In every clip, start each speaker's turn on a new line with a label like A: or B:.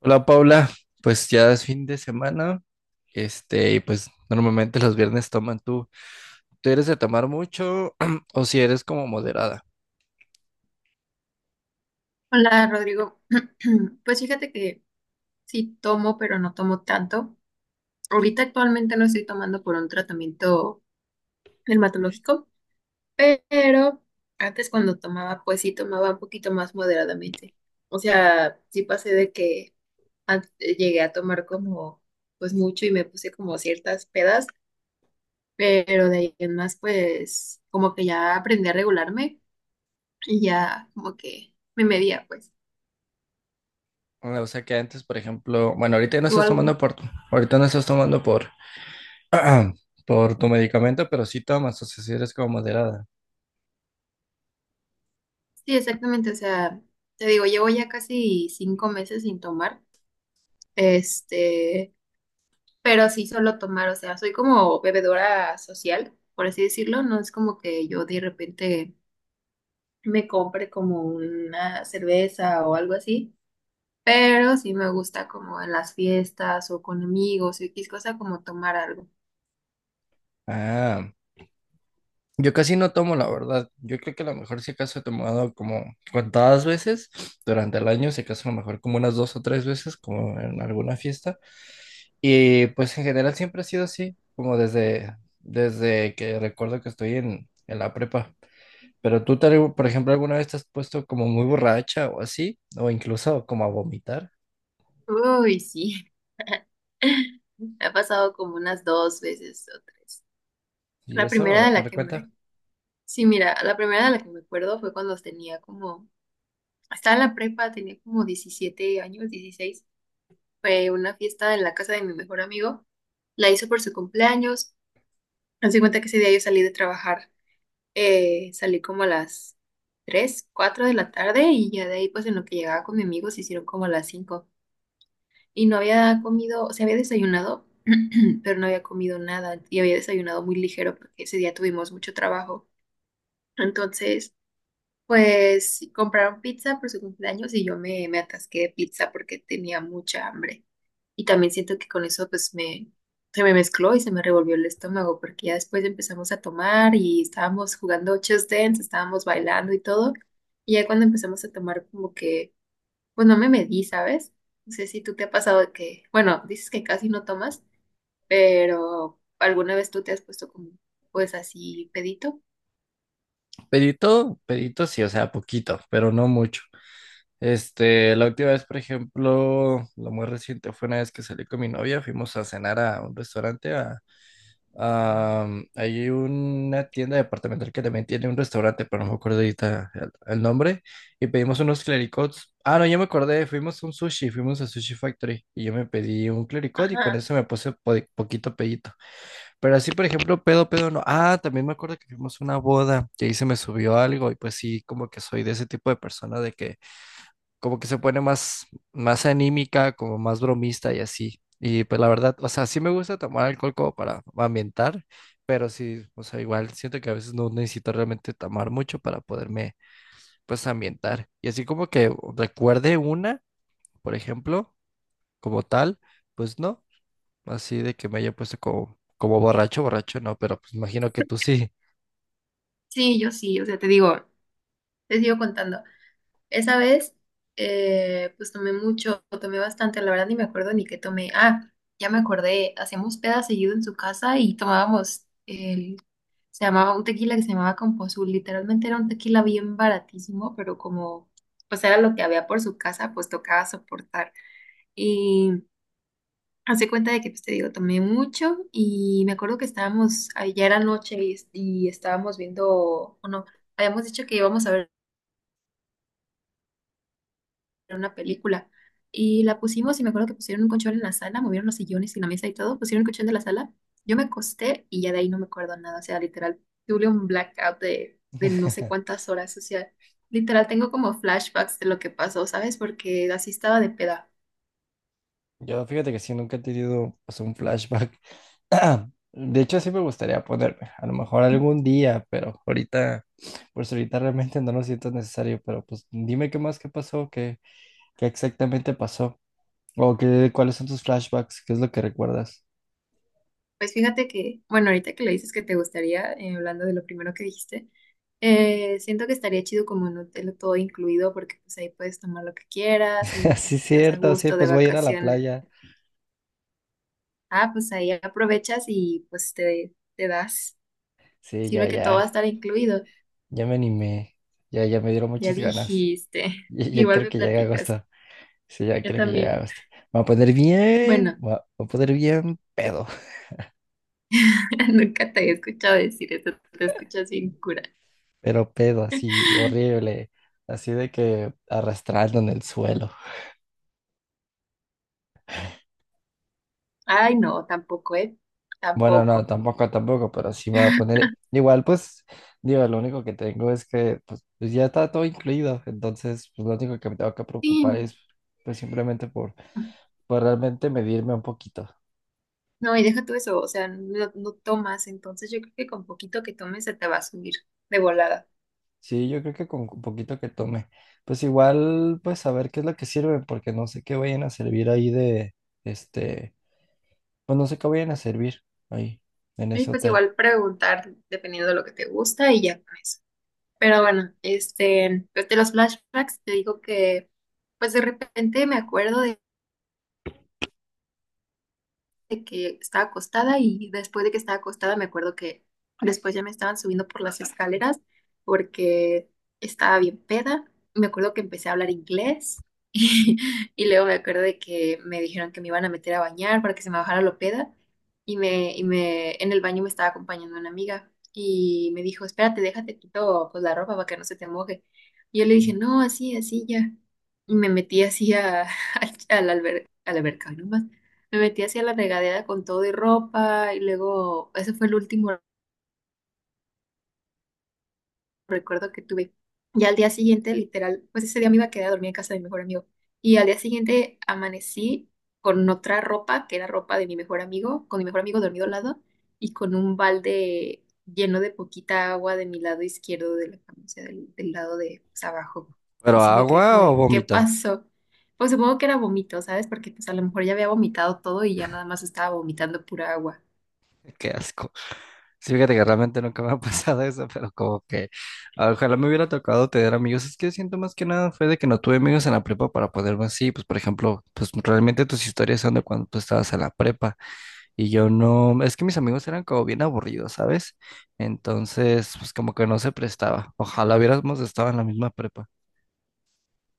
A: Hola Paula, pues ya es fin de semana, y pues normalmente los viernes toman tú. ¿Tú eres de tomar mucho o si eres como moderada?
B: Hola Rodrigo, pues fíjate que sí tomo, pero no tomo tanto. Ahorita actualmente no estoy tomando por un tratamiento dermatológico, pero antes cuando tomaba, pues sí tomaba un poquito más moderadamente. O sea, sí pasé de que llegué a tomar como pues mucho y me puse como ciertas pedas, pero de ahí en más pues como que ya aprendí a regularme y ya como que me medía pues.
A: O sea que antes, por ejemplo, bueno, ahorita ya no
B: ¿Tú
A: estás tomando
B: algún
A: por, ahorita no estás tomando por, por tu medicamento, pero sí tomas, o sea, si eres como moderada.
B: Sí, exactamente. O sea, te digo, llevo ya casi 5 meses sin tomar. Este, pero sí solo tomar. O sea, soy como bebedora social, por así decirlo. No es como que yo de repente me compre como una cerveza o algo así. Pero sí me gusta como en las fiestas o con amigos o X cosa como tomar algo.
A: Ah. Yo casi no tomo, la verdad. Yo creo que a lo mejor si acaso he tomado como contadas veces durante el año, si acaso a lo mejor como unas dos o tres veces, como en alguna fiesta. Y pues en general siempre ha sido así, como desde que recuerdo que estoy en la prepa. Pero tú, por ejemplo, alguna vez te has puesto como muy borracha o así, o incluso como a vomitar.
B: Uy, sí. Me ha pasado como unas dos veces o tres.
A: Y
B: La
A: eso,
B: primera de
A: a
B: la
A: ver,
B: que
A: cuenta.
B: me Sí, mira, la primera de la que me acuerdo fue cuando tenía como, estaba en la prepa, tenía como 17 años, 16. Fue una fiesta en la casa de mi mejor amigo. La hizo por su cumpleaños. Haz de cuenta que ese día yo salí de trabajar, salí como a las 3, 4 de la tarde y ya de ahí pues en lo que llegaba con mi amigo se hicieron como a las 5. Y no había comido, o sea, había desayunado, pero no había comido nada y había desayunado muy ligero porque ese día tuvimos mucho trabajo. Entonces... pues compraron pizza por su cumpleaños y yo me atasqué de pizza porque tenía mucha hambre. Y también siento que con eso se me mezcló y se me revolvió el estómago porque ya después empezamos a tomar y estábamos jugando Just Dance, estábamos bailando y todo. Y ya cuando empezamos a tomar como que, pues no me medí, ¿sabes? No sé si tú te ha pasado de que, bueno, dices que casi no tomas, pero ¿alguna vez tú te has puesto como pues así pedito?
A: Pedito, pedito sí, o sea, poquito, pero no mucho. La última vez, por ejemplo, lo muy reciente fue una vez que salí con mi novia, fuimos a cenar a un restaurante, hay una tienda departamental que también tiene un restaurante, pero no me acuerdo ahorita el nombre, y pedimos unos clericots. Ah, no, ya me acordé, fuimos a un sushi, fuimos a Sushi Factory, y yo me pedí un clericot y con
B: Ajá.
A: eso me puse poquito pedito. Pero así, por ejemplo, pedo, pedo, no. Ah, también me acuerdo que fuimos a una boda, que ahí se me subió algo, y pues sí, como que soy de ese tipo de persona de que como que se pone más, más anímica, como más bromista y así. Y pues la verdad, o sea, sí me gusta tomar alcohol como para ambientar, pero sí, o sea, igual siento que a veces no necesito realmente tomar mucho para poderme, pues, ambientar. Y así como que recuerde una, por ejemplo, como tal, pues no, así de que me haya puesto como, como borracho, borracho, no, pero pues imagino que tú sí.
B: Sí, yo sí, o sea, te digo, te sigo contando. Esa vez, pues tomé mucho, tomé bastante, la verdad ni me acuerdo ni qué tomé. Ah, ya me acordé, hacíamos peda seguido en su casa y tomábamos el, se llamaba un tequila que se llamaba composul, literalmente era un tequila bien baratísimo, pero como, pues era lo que había por su casa, pues tocaba soportar. Y hace cuenta de que, pues te digo, tomé mucho y me acuerdo que estábamos, ah, ya era noche y estábamos viendo, o no, habíamos dicho que íbamos a ver una película. Y la pusimos y me acuerdo que pusieron un colchón en la sala, movieron los sillones y la mesa y todo, pusieron el colchón de la sala. Yo me acosté y ya de ahí no me acuerdo nada, o sea, literal, tuve un blackout de no sé cuántas horas, o sea, literal tengo como flashbacks de lo que pasó, ¿sabes? Porque así estaba de peda.
A: Yo fíjate que sí, nunca he tenido, o sea, un flashback. De hecho, sí me gustaría ponerme, a lo mejor algún día, pero ahorita, pues ahorita realmente no lo siento necesario, pero pues dime qué más, qué pasó, qué, qué exactamente pasó, o qué, cuáles son tus flashbacks, qué es lo que recuerdas.
B: Pues fíjate que, bueno, ahorita que le dices que te gustaría, hablando de lo primero que dijiste, siento que estaría chido como un hotel todo incluido porque pues ahí puedes tomar lo que quieras y
A: Sí,
B: pues estás a
A: cierto, sí,
B: gusto de
A: pues voy a ir a la
B: vacaciones.
A: playa.
B: Ah, pues ahí aprovechas y pues te das.
A: Sí, ya,
B: Sirve que todo va a
A: ya,
B: estar incluido.
A: ya me animé, ya, ya me dieron
B: Ya
A: muchas ganas.
B: dijiste.
A: Ya, ya
B: Igual
A: quiero
B: me
A: que llegue
B: platicas.
A: agosto, sí, ya
B: Yo
A: quiero que llegue
B: también.
A: agosto. Me voy a poner bien,
B: Bueno,
A: me voy a poner bien pedo.
B: nunca te he escuchado decir esto. Te escuchas bien cura.
A: Pero pedo así horrible, así de que arrastrando en el suelo.
B: Ay, no, tampoco, ¿eh?
A: Bueno, no,
B: Tampoco.
A: tampoco, tampoco, pero sí me voy a poner, igual pues, digo, lo único que tengo es que pues, pues ya está todo incluido, entonces pues lo único que me tengo que
B: Sí.
A: preocupar es pues simplemente por realmente medirme un poquito.
B: No, y deja tú eso. O sea, no, no tomas. Entonces yo creo que con poquito que tomes se te va a subir de volada.
A: Sí, yo creo que con un poquito que tome, pues igual pues a ver qué es lo que sirve, porque no sé qué vayan a servir ahí de, este, pues no sé qué vayan a servir ahí en
B: Y
A: ese
B: pues
A: hotel.
B: igual preguntar dependiendo de lo que te gusta y ya con eso. Pero bueno, pues, de los flashbacks te digo que pues de repente me acuerdo de que estaba acostada y después de que estaba acostada me acuerdo que después ya me estaban subiendo por las escaleras porque estaba bien peda. Me acuerdo que empecé a hablar inglés y, y luego me acuerdo de que me dijeron que me iban a meter a bañar para que se me bajara lo peda y me en el baño me estaba acompañando una amiga y me dijo, espérate, déjate quito pues la ropa para que no se te moje. Y yo le dije, no, así, así ya. Y me metí así a, a la alberca, ¿no? Me metí hacia la regadera con todo y ropa y luego ese fue el último recuerdo que tuve. Y al día siguiente, literal, pues ese día me iba a quedar a dormir en casa de mi mejor amigo. Y al día siguiente amanecí con otra ropa, que era ropa de mi mejor amigo, con mi mejor amigo dormido al lado y con un balde lleno de poquita agua de mi lado izquierdo de la cama, o sea, del lado de pues, abajo.
A: ¿Pero
B: Y sí me quedé
A: agua
B: como
A: o
B: de, ¿qué
A: bombito?
B: pasó? Pues supongo que era vómito, ¿sabes? Porque pues a lo mejor ya había vomitado todo y ya nada más estaba vomitando pura agua.
A: Qué asco. Sí, fíjate que realmente nunca me ha pasado eso, pero como que ojalá me hubiera tocado tener amigos. Es que siento más que nada fue de que no tuve amigos en la prepa para poderme así. Pues, por ejemplo, pues realmente tus historias son de cuando tú estabas en la prepa y yo no. Es que mis amigos eran como bien aburridos, ¿sabes? Entonces, pues como que no se prestaba. Ojalá hubiéramos estado en la misma prepa.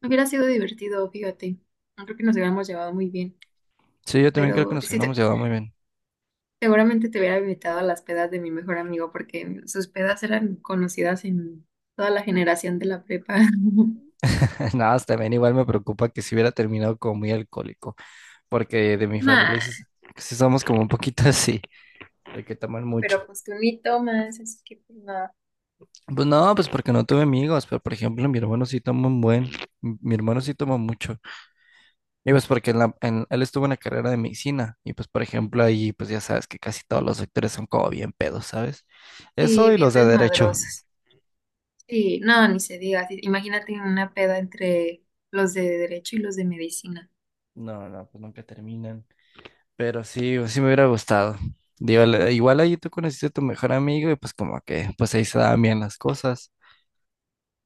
B: Hubiera sido divertido, fíjate. No creo que nos hubiéramos llevado muy bien,
A: Sí, yo también creo que
B: pero
A: nos
B: sí,
A: hubiéramos llevado muy bien.
B: seguramente te hubiera invitado a las pedas de mi mejor amigo porque sus pedas eran conocidas en toda la generación de la prepa.
A: Nada, más también igual me preocupa que si hubiera terminado como muy alcohólico. Porque de mi
B: Nah,
A: familia sí, sí somos como un poquito así, de que toman
B: pero
A: mucho.
B: pues tú ni tomas, así que pues nada.
A: Pues no, pues porque no tuve amigos, pero por ejemplo, mi hermano sí toma un buen, mi hermano sí toma mucho. Y pues porque él estuvo en la carrera de medicina, y pues por ejemplo ahí, pues ya sabes que casi todos los sectores son como bien pedos, ¿sabes? Eso
B: Sí,
A: y
B: bien
A: los de derecho.
B: desmadrosas. Sí, no, ni se diga. Sí, imagínate una peda entre los de derecho y los de medicina.
A: No, no, pues nunca terminan. Pero sí, pues sí me hubiera gustado. Digo, igual ahí tú conociste a tu mejor amigo y pues como que, pues ahí se daban bien las cosas.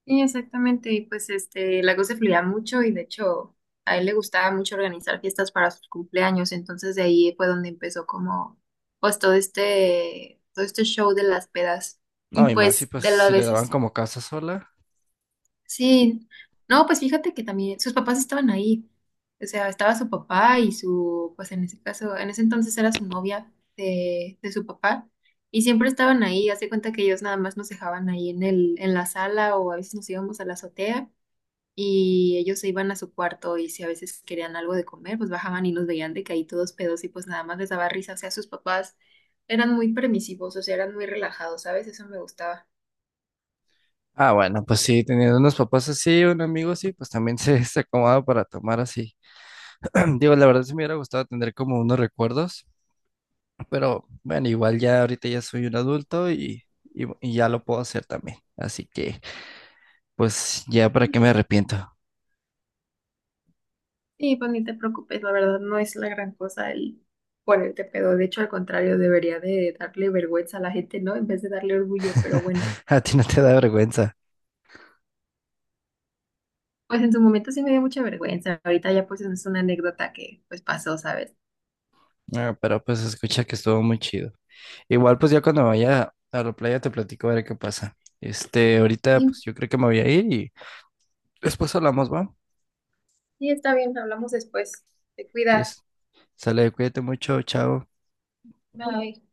B: Sí, exactamente. Y pues Lagos se fluía mucho y de hecho a él le gustaba mucho organizar fiestas para sus cumpleaños. Entonces de ahí fue donde empezó como pues todo este show de las pedas.
A: No,
B: Y
A: y más si
B: pues
A: pues
B: de las
A: si le daban
B: veces,
A: como casa sola.
B: sí. No, pues fíjate que también sus papás estaban ahí. O sea, estaba su papá y su, pues en ese caso, en ese entonces era su novia de su papá. Y siempre estaban ahí, hace cuenta que ellos nada más nos dejaban ahí en el, en la sala o a veces nos íbamos a la azotea y ellos se iban a su cuarto y si a veces querían algo de comer, pues bajaban y nos veían de que ahí todos pedos y pues nada más les daba risa. O sea, sus papás eran muy permisivos, o sea, eran muy relajados, ¿sabes? Eso me gustaba.
A: Ah, bueno, pues sí, teniendo unos papás así, un amigo así, pues también se acomoda para tomar así. Digo, la verdad sí me hubiera gustado tener como unos recuerdos, pero bueno, igual ya ahorita ya soy un adulto y, y ya lo puedo hacer también. Así que, pues ya para qué me
B: Sí.
A: arrepiento.
B: Sí, pues ni te preocupes, la verdad no es la gran cosa el ponerte pedo. De hecho, al contrario, debería de darle vergüenza a la gente, ¿no? En vez de darle orgullo, pero bueno.
A: A ti no te da vergüenza.
B: Pues en su momento sí me dio mucha vergüenza. Ahorita ya pues es una anécdota que pues pasó, ¿sabes?
A: Ah, pero pues escucha que estuvo muy chido. Igual pues ya cuando vaya a la playa te platico a ver qué pasa. Ahorita
B: Sí,
A: pues yo creo que me voy a ir y después hablamos, ¿va?
B: sí, está bien, hablamos después. Te cuidas.
A: Yes. Sale, cuídate mucho, chao.
B: Bye.